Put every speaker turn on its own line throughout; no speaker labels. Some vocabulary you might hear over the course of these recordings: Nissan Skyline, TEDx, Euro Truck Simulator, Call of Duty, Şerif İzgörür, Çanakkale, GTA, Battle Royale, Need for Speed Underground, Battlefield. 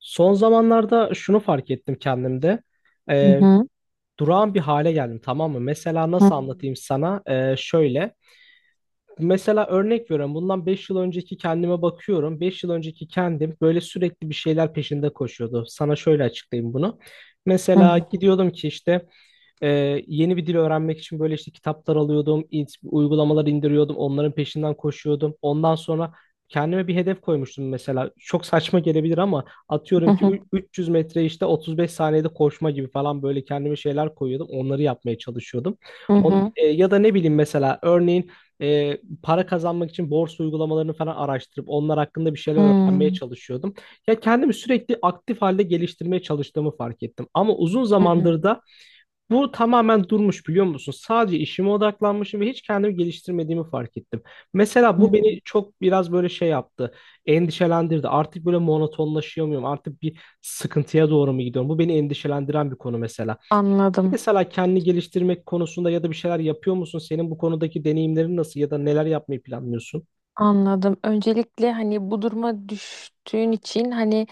Son zamanlarda şunu fark ettim kendimde.
Hı
Ee,
hı.
durağan bir hale geldim, tamam mı? Mesela
Hı
nasıl
hı.
anlatayım sana? Şöyle. Mesela örnek veriyorum. Bundan 5 yıl önceki kendime bakıyorum. Beş yıl önceki kendim böyle sürekli bir şeyler peşinde koşuyordu. Sana şöyle açıklayayım bunu.
Hı
Mesela
hı.
gidiyordum ki işte e, yeni bir dil öğrenmek için böyle işte kitaplar alıyordum, uygulamalar indiriyordum, onların peşinden koşuyordum. Ondan sonra kendime bir hedef koymuştum mesela. Çok saçma gelebilir ama
Hı
atıyorum ki
hı.
300 metre işte 35 saniyede koşma gibi falan, böyle kendime şeyler koyuyordum. Onları yapmaya çalışıyordum. Ya da ne bileyim, mesela örneğin e, para kazanmak için borsa uygulamalarını falan araştırıp onlar hakkında bir
Hı
şeyler öğrenmeye
hı.
çalışıyordum. Ya, kendimi sürekli aktif halde geliştirmeye çalıştığımı fark ettim. Ama uzun
Hı
zamandır
hı.
da bu tamamen durmuş, biliyor musun? Sadece işime odaklanmışım ve hiç kendimi geliştirmediğimi fark ettim. Mesela bu beni çok biraz böyle şey yaptı. Endişelendirdi. Artık böyle monotonlaşıyor muyum? Artık bir sıkıntıya doğru mu gidiyorum? Bu beni endişelendiren bir konu mesela.
Anladım.
Mesela kendini geliştirmek konusunda ya da bir şeyler yapıyor musun? Senin bu konudaki deneyimlerin nasıl ya da neler yapmayı planlıyorsun?
Anladım. Öncelikle hani bu duruma düştüğün için hani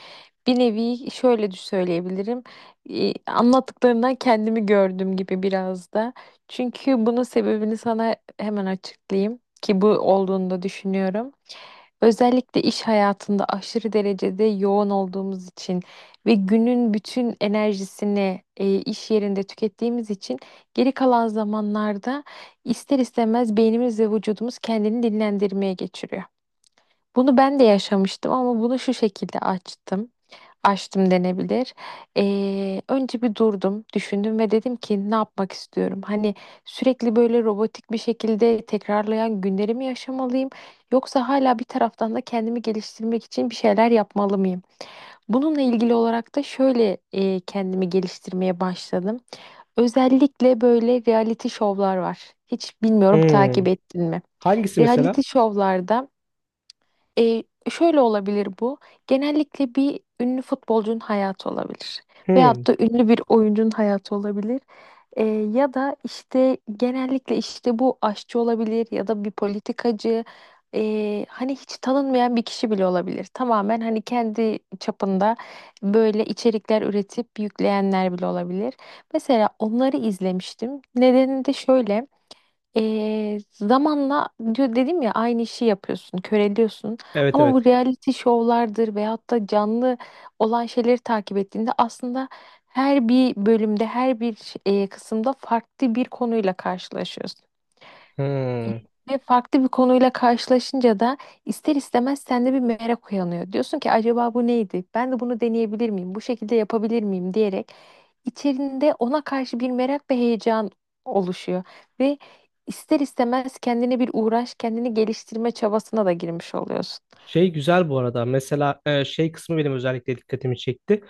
bir nevi şöyle de söyleyebilirim. Anlattıklarından kendimi gördüm gibi biraz da. Çünkü bunun sebebini sana hemen açıklayayım ki bu olduğunu da düşünüyorum. Özellikle iş hayatında aşırı derecede yoğun olduğumuz için ve günün bütün enerjisini iş yerinde tükettiğimiz için geri kalan zamanlarda ister istemez beynimiz ve vücudumuz kendini dinlendirmeye geçiriyor. Bunu ben de yaşamıştım ama bunu şu şekilde açtım, açtım denebilir. Önce bir durdum, düşündüm ve dedim ki ne yapmak istiyorum? Hani sürekli böyle robotik bir şekilde tekrarlayan günlerimi yaşamalıyım? Yoksa hala bir taraftan da kendimi geliştirmek için bir şeyler yapmalı mıyım? Bununla ilgili olarak da şöyle kendimi geliştirmeye başladım. Özellikle böyle reality şovlar var. Hiç bilmiyorum
Hmm.
takip ettin mi?
Hangisi
Reality
mesela?
şovlarda e, şöyle olabilir bu. Genellikle bir ünlü futbolcunun hayatı olabilir.
Hmm.
Veyahut da ünlü bir oyuncunun hayatı olabilir. Ya da işte genellikle işte bu aşçı olabilir ya da bir politikacı. Hani hiç tanınmayan bir kişi bile olabilir. Tamamen hani kendi çapında böyle içerikler üretip yükleyenler bile olabilir. Mesela onları izlemiştim. Nedeni de şöyle. Zamanla diyor dedim ya aynı işi yapıyorsun, köreliyorsun.
Evet,
Ama bu
evet.
reality şovlardır veyahut da canlı olan şeyleri takip ettiğinde aslında her bir bölümde, her bir kısımda farklı bir konuyla karşılaşıyorsun.
Hmm.
Ve farklı bir konuyla karşılaşınca da ister istemez sende bir merak uyanıyor. Diyorsun ki acaba bu neydi? Ben de bunu deneyebilir miyim? Bu şekilde yapabilir miyim diyerek içerinde ona karşı bir merak ve heyecan oluşuyor. Ve ister istemez kendine bir uğraş, kendini geliştirme çabasına da girmiş oluyorsun.
Şey, güzel bu arada. Mesela şey kısmı benim özellikle dikkatimi çekti.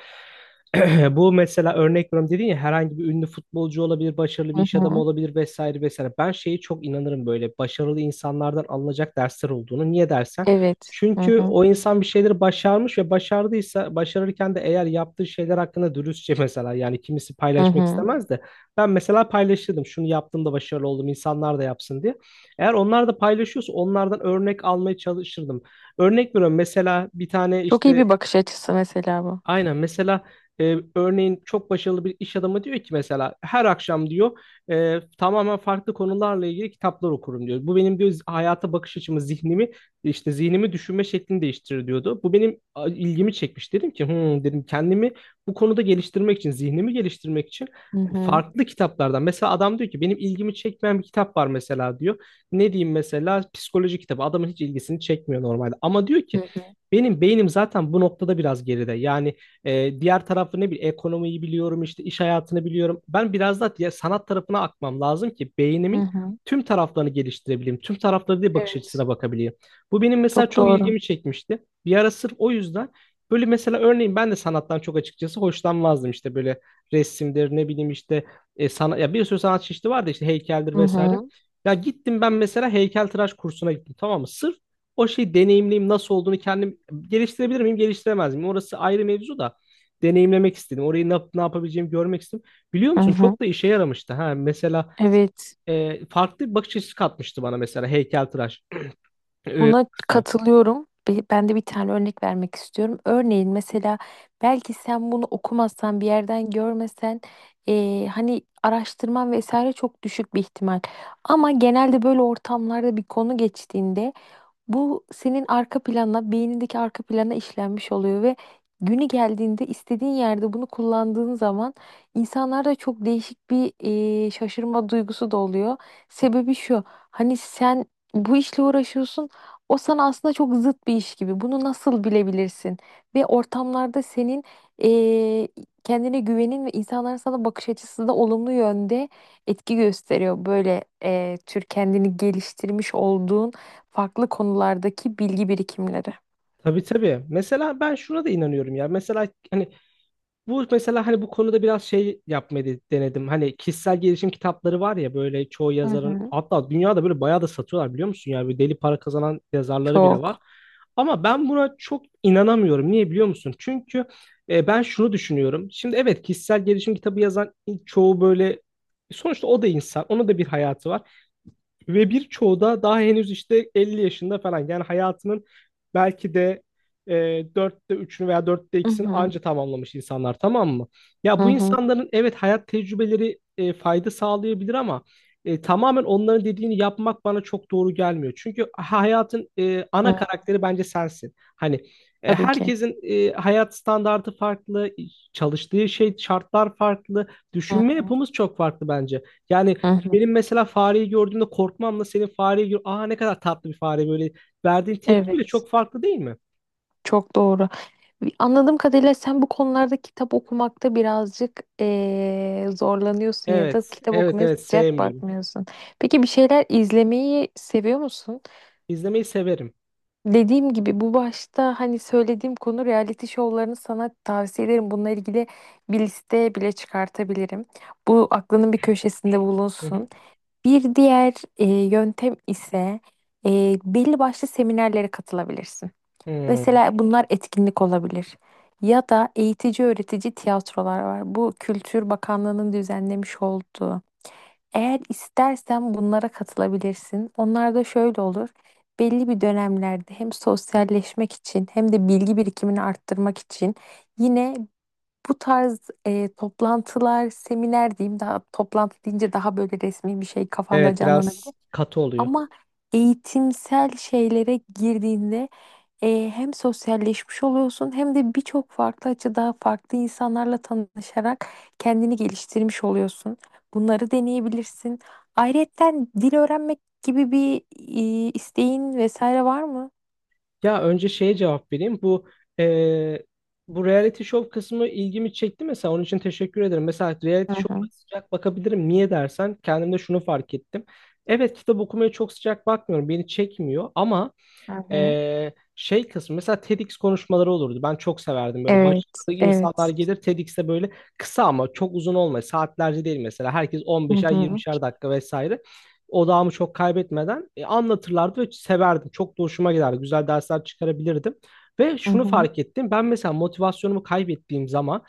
Bu mesela, örnek veriyorum, dedin ya, herhangi bir ünlü futbolcu olabilir, başarılı bir
Hı
iş adamı
hı.
olabilir, vesaire vesaire. Ben şeye çok inanırım, böyle başarılı insanlardan alınacak dersler olduğunu. Niye dersen?
Evet. Hı
Çünkü
hı.
o insan bir şeyleri başarmış ve başardıysa, başarırken de eğer yaptığı şeyler hakkında dürüstçe, mesela, yani kimisi
Hı
paylaşmak
hı.
istemez de ben mesela paylaşırdım, şunu yaptım da başarılı oldum, insanlar da yapsın diye. Eğer onlar da paylaşıyorsa onlardan örnek almaya çalışırdım. Örnek veriyorum, mesela bir tane
Çok iyi
işte.
bir bakış açısı mesela bu.
Aynen, mesela örneğin çok başarılı bir iş adamı diyor ki, mesela her akşam diyor tamamen farklı konularla ilgili kitaplar okurum diyor. Bu benim diyor hayata bakış açımı, zihnimi işte zihnimi, düşünme şeklini değiştirir diyordu. Bu benim ilgimi çekmiş. Dedim ki "Hmm," dedim, kendimi bu konuda geliştirmek için, zihnimi geliştirmek için
Hı hı.
farklı kitaplardan. Mesela adam diyor ki, benim ilgimi çekmeyen bir kitap var mesela diyor. Ne diyeyim, mesela psikoloji kitabı. Adamın hiç ilgisini çekmiyor normalde. Ama diyor
Hı
ki,
hı.
benim beynim zaten bu noktada biraz geride. Yani diğer tarafı, ne bileyim, ekonomiyi biliyorum işte, iş hayatını biliyorum. Ben biraz da diğer sanat tarafına akmam lazım ki
Hı
beynimin
hı.
tüm taraflarını geliştirebileyim. Tüm tarafları diye bakış
Evet.
açısına bakabileyim. Bu benim mesela
Çok
çok
doğru.
ilgimi çekmişti. Bir ara sırf o yüzden böyle, mesela örneğin, ben de sanattan çok açıkçası hoşlanmazdım, işte böyle resimdir, ne bileyim işte, ya, bir sürü sanat çeşidi vardı işte, heykeldir
Hı
vesaire.
hı.
Ya gittim ben mesela, heykeltıraş kursuna gittim, tamam mı? Sırf o şeyi deneyimleyeyim, nasıl olduğunu kendim geliştirebilir miyim, geliştiremez miyim? Orası ayrı mevzu da, deneyimlemek istedim. Orayı ne yapabileceğimi görmek istedim. Biliyor
Hı
musun,
hı.
çok da işe yaramıştı. Ha, mesela
Evet.
farklı bir bakış açısı katmıştı bana, mesela heykeltıraş
Buna
kısmı.
katılıyorum. Ben de bir tane örnek vermek istiyorum. Örneğin mesela belki sen bunu okumazsan bir yerden görmesen hani araştırman vesaire çok düşük bir ihtimal. Ama genelde böyle ortamlarda bir konu geçtiğinde bu senin arka plana, beynindeki arka plana işlenmiş oluyor ve günü geldiğinde istediğin yerde bunu kullandığın zaman insanlarda çok değişik bir şaşırma duygusu da oluyor. Sebebi şu, hani sen bu işle uğraşıyorsun, o sana aslında çok zıt bir iş gibi. Bunu nasıl bilebilirsin? Ve ortamlarda senin e, kendine güvenin ve insanların sana bakış açısı da olumlu yönde etki gösteriyor. Böyle tür kendini geliştirmiş olduğun farklı konulardaki bilgi birikimleri.
Tabii, tabii. Mesela ben şuna da inanıyorum ya. Mesela hani. Bu mesela, hani bu konuda biraz şey yapmayı denedim. Hani kişisel gelişim kitapları var ya, böyle çoğu
Hı
yazarın,
hı.
hatta dünyada böyle bayağı da satıyorlar, biliyor musun? Yani böyle deli para kazanan yazarları bile var.
Çok.
Ama ben buna çok inanamıyorum. Niye biliyor musun? Çünkü ben şunu düşünüyorum. Şimdi evet, kişisel gelişim kitabı yazan çoğu böyle, sonuçta o da insan. Onun da bir hayatı var. Ve birçoğu da daha henüz işte 50 yaşında falan. Yani hayatının belki de e, 4'te 3'ünü veya dörtte
Hı
ikisini
hı.
anca tamamlamış insanlar, tamam mı? Ya
Hı
bu
hı.
insanların evet hayat tecrübeleri fayda sağlayabilir ama tamamen onların dediğini yapmak bana çok doğru gelmiyor. Çünkü hayatın ana
Hı.
karakteri bence sensin. Hani
Tabii ki.
herkesin hayat standardı farklı, çalıştığı şey, şartlar farklı, düşünme
Hı
yapımız çok farklı bence. Yani
hı, hı.
benim mesela fareyi gördüğümde korkmamla, senin fareyi gör... Aa, ne kadar tatlı bir fare böyle. Verdiğin tepki bile
Evet.
çok farklı, değil mi?
Çok doğru. Anladığım kadarıyla sen bu konularda kitap okumakta birazcık zorlanıyorsun ya da
Evet.
kitap
Evet,
okumaya
evet,
sıcak
sevmiyorum.
bakmıyorsun. Peki bir şeyler izlemeyi seviyor musun?
İzlemeyi severim.
Dediğim gibi bu başta hani söylediğim konu reality şovlarını sana tavsiye ederim. Bununla ilgili bir liste bile çıkartabilirim. Bu aklının bir köşesinde
Hı hı.
bulunsun. Bir diğer yöntem ise belli başlı seminerlere katılabilirsin.
Hmm.
Mesela bunlar etkinlik olabilir. Ya da eğitici öğretici tiyatrolar var. Bu Kültür Bakanlığı'nın düzenlemiş olduğu. Eğer istersen bunlara katılabilirsin. Onlar da şöyle olur. Belli bir dönemlerde hem sosyalleşmek için hem de bilgi birikimini arttırmak için yine bu tarz toplantılar, seminer diyeyim daha toplantı deyince daha böyle resmi bir şey kafanda
Evet, biraz
canlanabilir.
katı oluyor.
Ama eğitimsel şeylere girdiğinde hem sosyalleşmiş oluyorsun hem de birçok farklı açıda farklı insanlarla tanışarak kendini geliştirmiş oluyorsun. Bunları deneyebilirsin. Ayrıyeten dil öğrenmek gibi bir isteğin vesaire var mı?
Ya, önce şeye cevap vereyim. Eee, bu reality show kısmı ilgimi çekti mesela. Onun için teşekkür ederim. Mesela
Hı
reality show'a
hı,
sıcak bakabilirim. Niye dersen, kendimde şunu fark ettim. Evet, kitap okumaya çok sıcak bakmıyorum. Beni çekmiyor ama
hı hı.
Şey kısmı mesela TEDx konuşmaları olurdu. Ben çok severdim, böyle
Evet,
başarılı insanlar
evet.
gelir TEDx'te, böyle kısa, ama çok uzun olmaz. Saatlerce değil mesela. Herkes
Hı
15'er
hı,
20'şer dakika vesaire. Odağımı çok kaybetmeden anlatırlardı ve severdim. Çok da hoşuma giderdi. Güzel dersler çıkarabilirdim. Ve
hı
şunu
hı,
fark ettim. Ben mesela motivasyonumu kaybettiğim zaman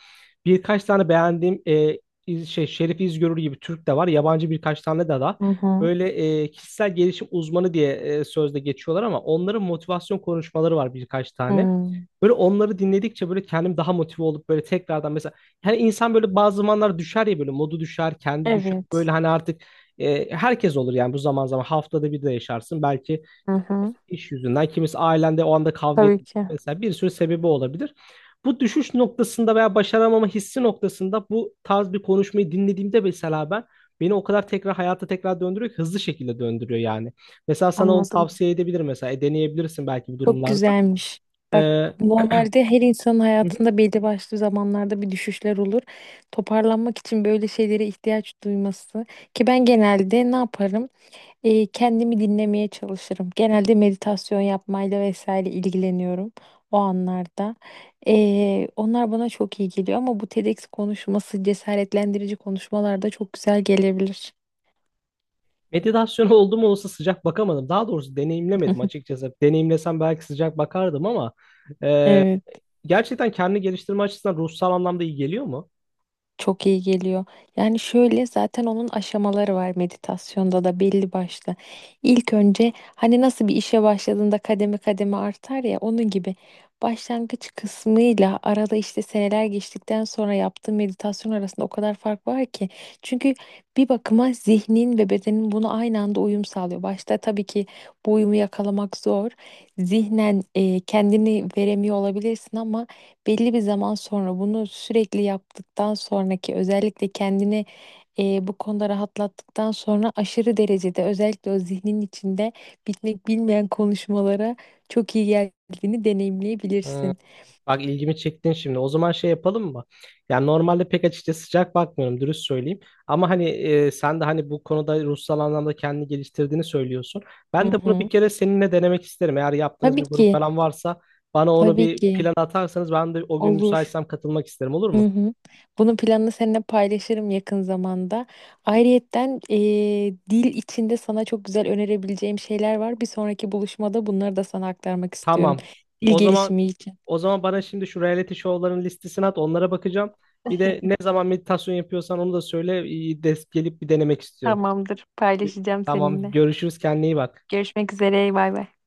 birkaç tane beğendiğim, Şerif İzgörür gibi Türk de var. Yabancı birkaç tane de
hı hı.
böyle kişisel gelişim uzmanı diye sözde geçiyorlar ama onların motivasyon konuşmaları var birkaç tane.
Hmm.
Böyle onları dinledikçe böyle kendim daha motive olup böyle tekrardan, mesela, yani insan böyle bazı zamanlar düşer ya, böyle modu düşer, kendi düşer. Böyle
Evet.
hani artık herkes olur yani, bu zaman zaman haftada bir de yaşarsın belki,
Hı hı.
iş yüzünden, kimisi ailende o anda kavga
Tabii
etmiş,
ki.
mesela bir sürü sebebi olabilir. Bu düşüş noktasında veya başaramama hissi noktasında bu tarz bir konuşmayı dinlediğimde mesela ben, beni o kadar tekrar hayata tekrar döndürüyor ki, hızlı şekilde döndürüyor yani. Mesela sana onu
Anladım.
tavsiye edebilirim, mesela deneyebilirsin belki bu
Çok
durumlarda.
güzelmiş. Bak
Hı
normalde her insanın
hı.
hayatında belli başlı zamanlarda bir düşüşler olur. Toparlanmak için böyle şeylere ihtiyaç duyması ki ben genelde ne yaparım? Kendimi dinlemeye çalışırım. Genelde meditasyon yapmayla vesaire ilgileniyorum o anlarda. Onlar bana çok iyi geliyor ama bu TEDx konuşması cesaretlendirici konuşmalarda çok güzel gelebilir.
Meditasyon oldu mu, olsa sıcak bakamadım. Daha doğrusu deneyimlemedim açıkçası. Deneyimlesem belki sıcak bakardım ama e,
Evet.
gerçekten kendini geliştirme açısından ruhsal anlamda iyi geliyor mu?
Çok iyi geliyor. Yani şöyle zaten onun aşamaları var meditasyonda da belli başlı. İlk önce hani nasıl bir işe başladığında kademe kademe artar ya onun gibi başlangıç kısmıyla arada işte seneler geçtikten sonra yaptığım meditasyon arasında o kadar fark var ki. Çünkü bir bakıma zihnin ve bedenin bunu aynı anda uyum sağlıyor. Başta tabii ki bu uyumu yakalamak zor. Zihnen kendini veremiyor olabilirsin ama belli bir zaman sonra bunu sürekli yaptıktan sonraki özellikle kendini bu konuda rahatlattıktan sonra aşırı derecede özellikle o zihnin içinde bitmek bilmeyen konuşmalara çok iyi geldiğini
Ee,
deneyimleyebilirsin.
Bak, ilgimi çektin şimdi. O zaman şey yapalım mı? Yani normalde pek açıkçası sıcak bakmıyorum, dürüst söyleyeyim. Ama hani sen de hani bu konuda ruhsal anlamda kendini geliştirdiğini söylüyorsun.
Hı
Ben de bunu
hı.
bir kere seninle denemek isterim. Eğer yaptığınız
Tabii
bir grup
ki,
falan varsa, bana onu
tabii
bir
ki
plan atarsanız ben de o gün
olur.
müsaitsem katılmak isterim, olur
Hı
mu?
hı. Bunun planını seninle paylaşırım yakın zamanda. Ayrıyetten dil içinde sana çok güzel önerebileceğim şeyler var. Bir sonraki buluşmada bunları da sana aktarmak istiyorum.
Tamam.
Dil
O zaman
gelişimi için.
o zaman bana şimdi şu reality show'ların listesini at, onlara bakacağım. Bir de ne zaman meditasyon yapıyorsan onu da söyle. Des gelip bir denemek istiyorum.
Tamamdır. Paylaşacağım
Tamam,
seninle.
görüşürüz, kendine iyi bak.
Görüşmek üzere. Bay bay.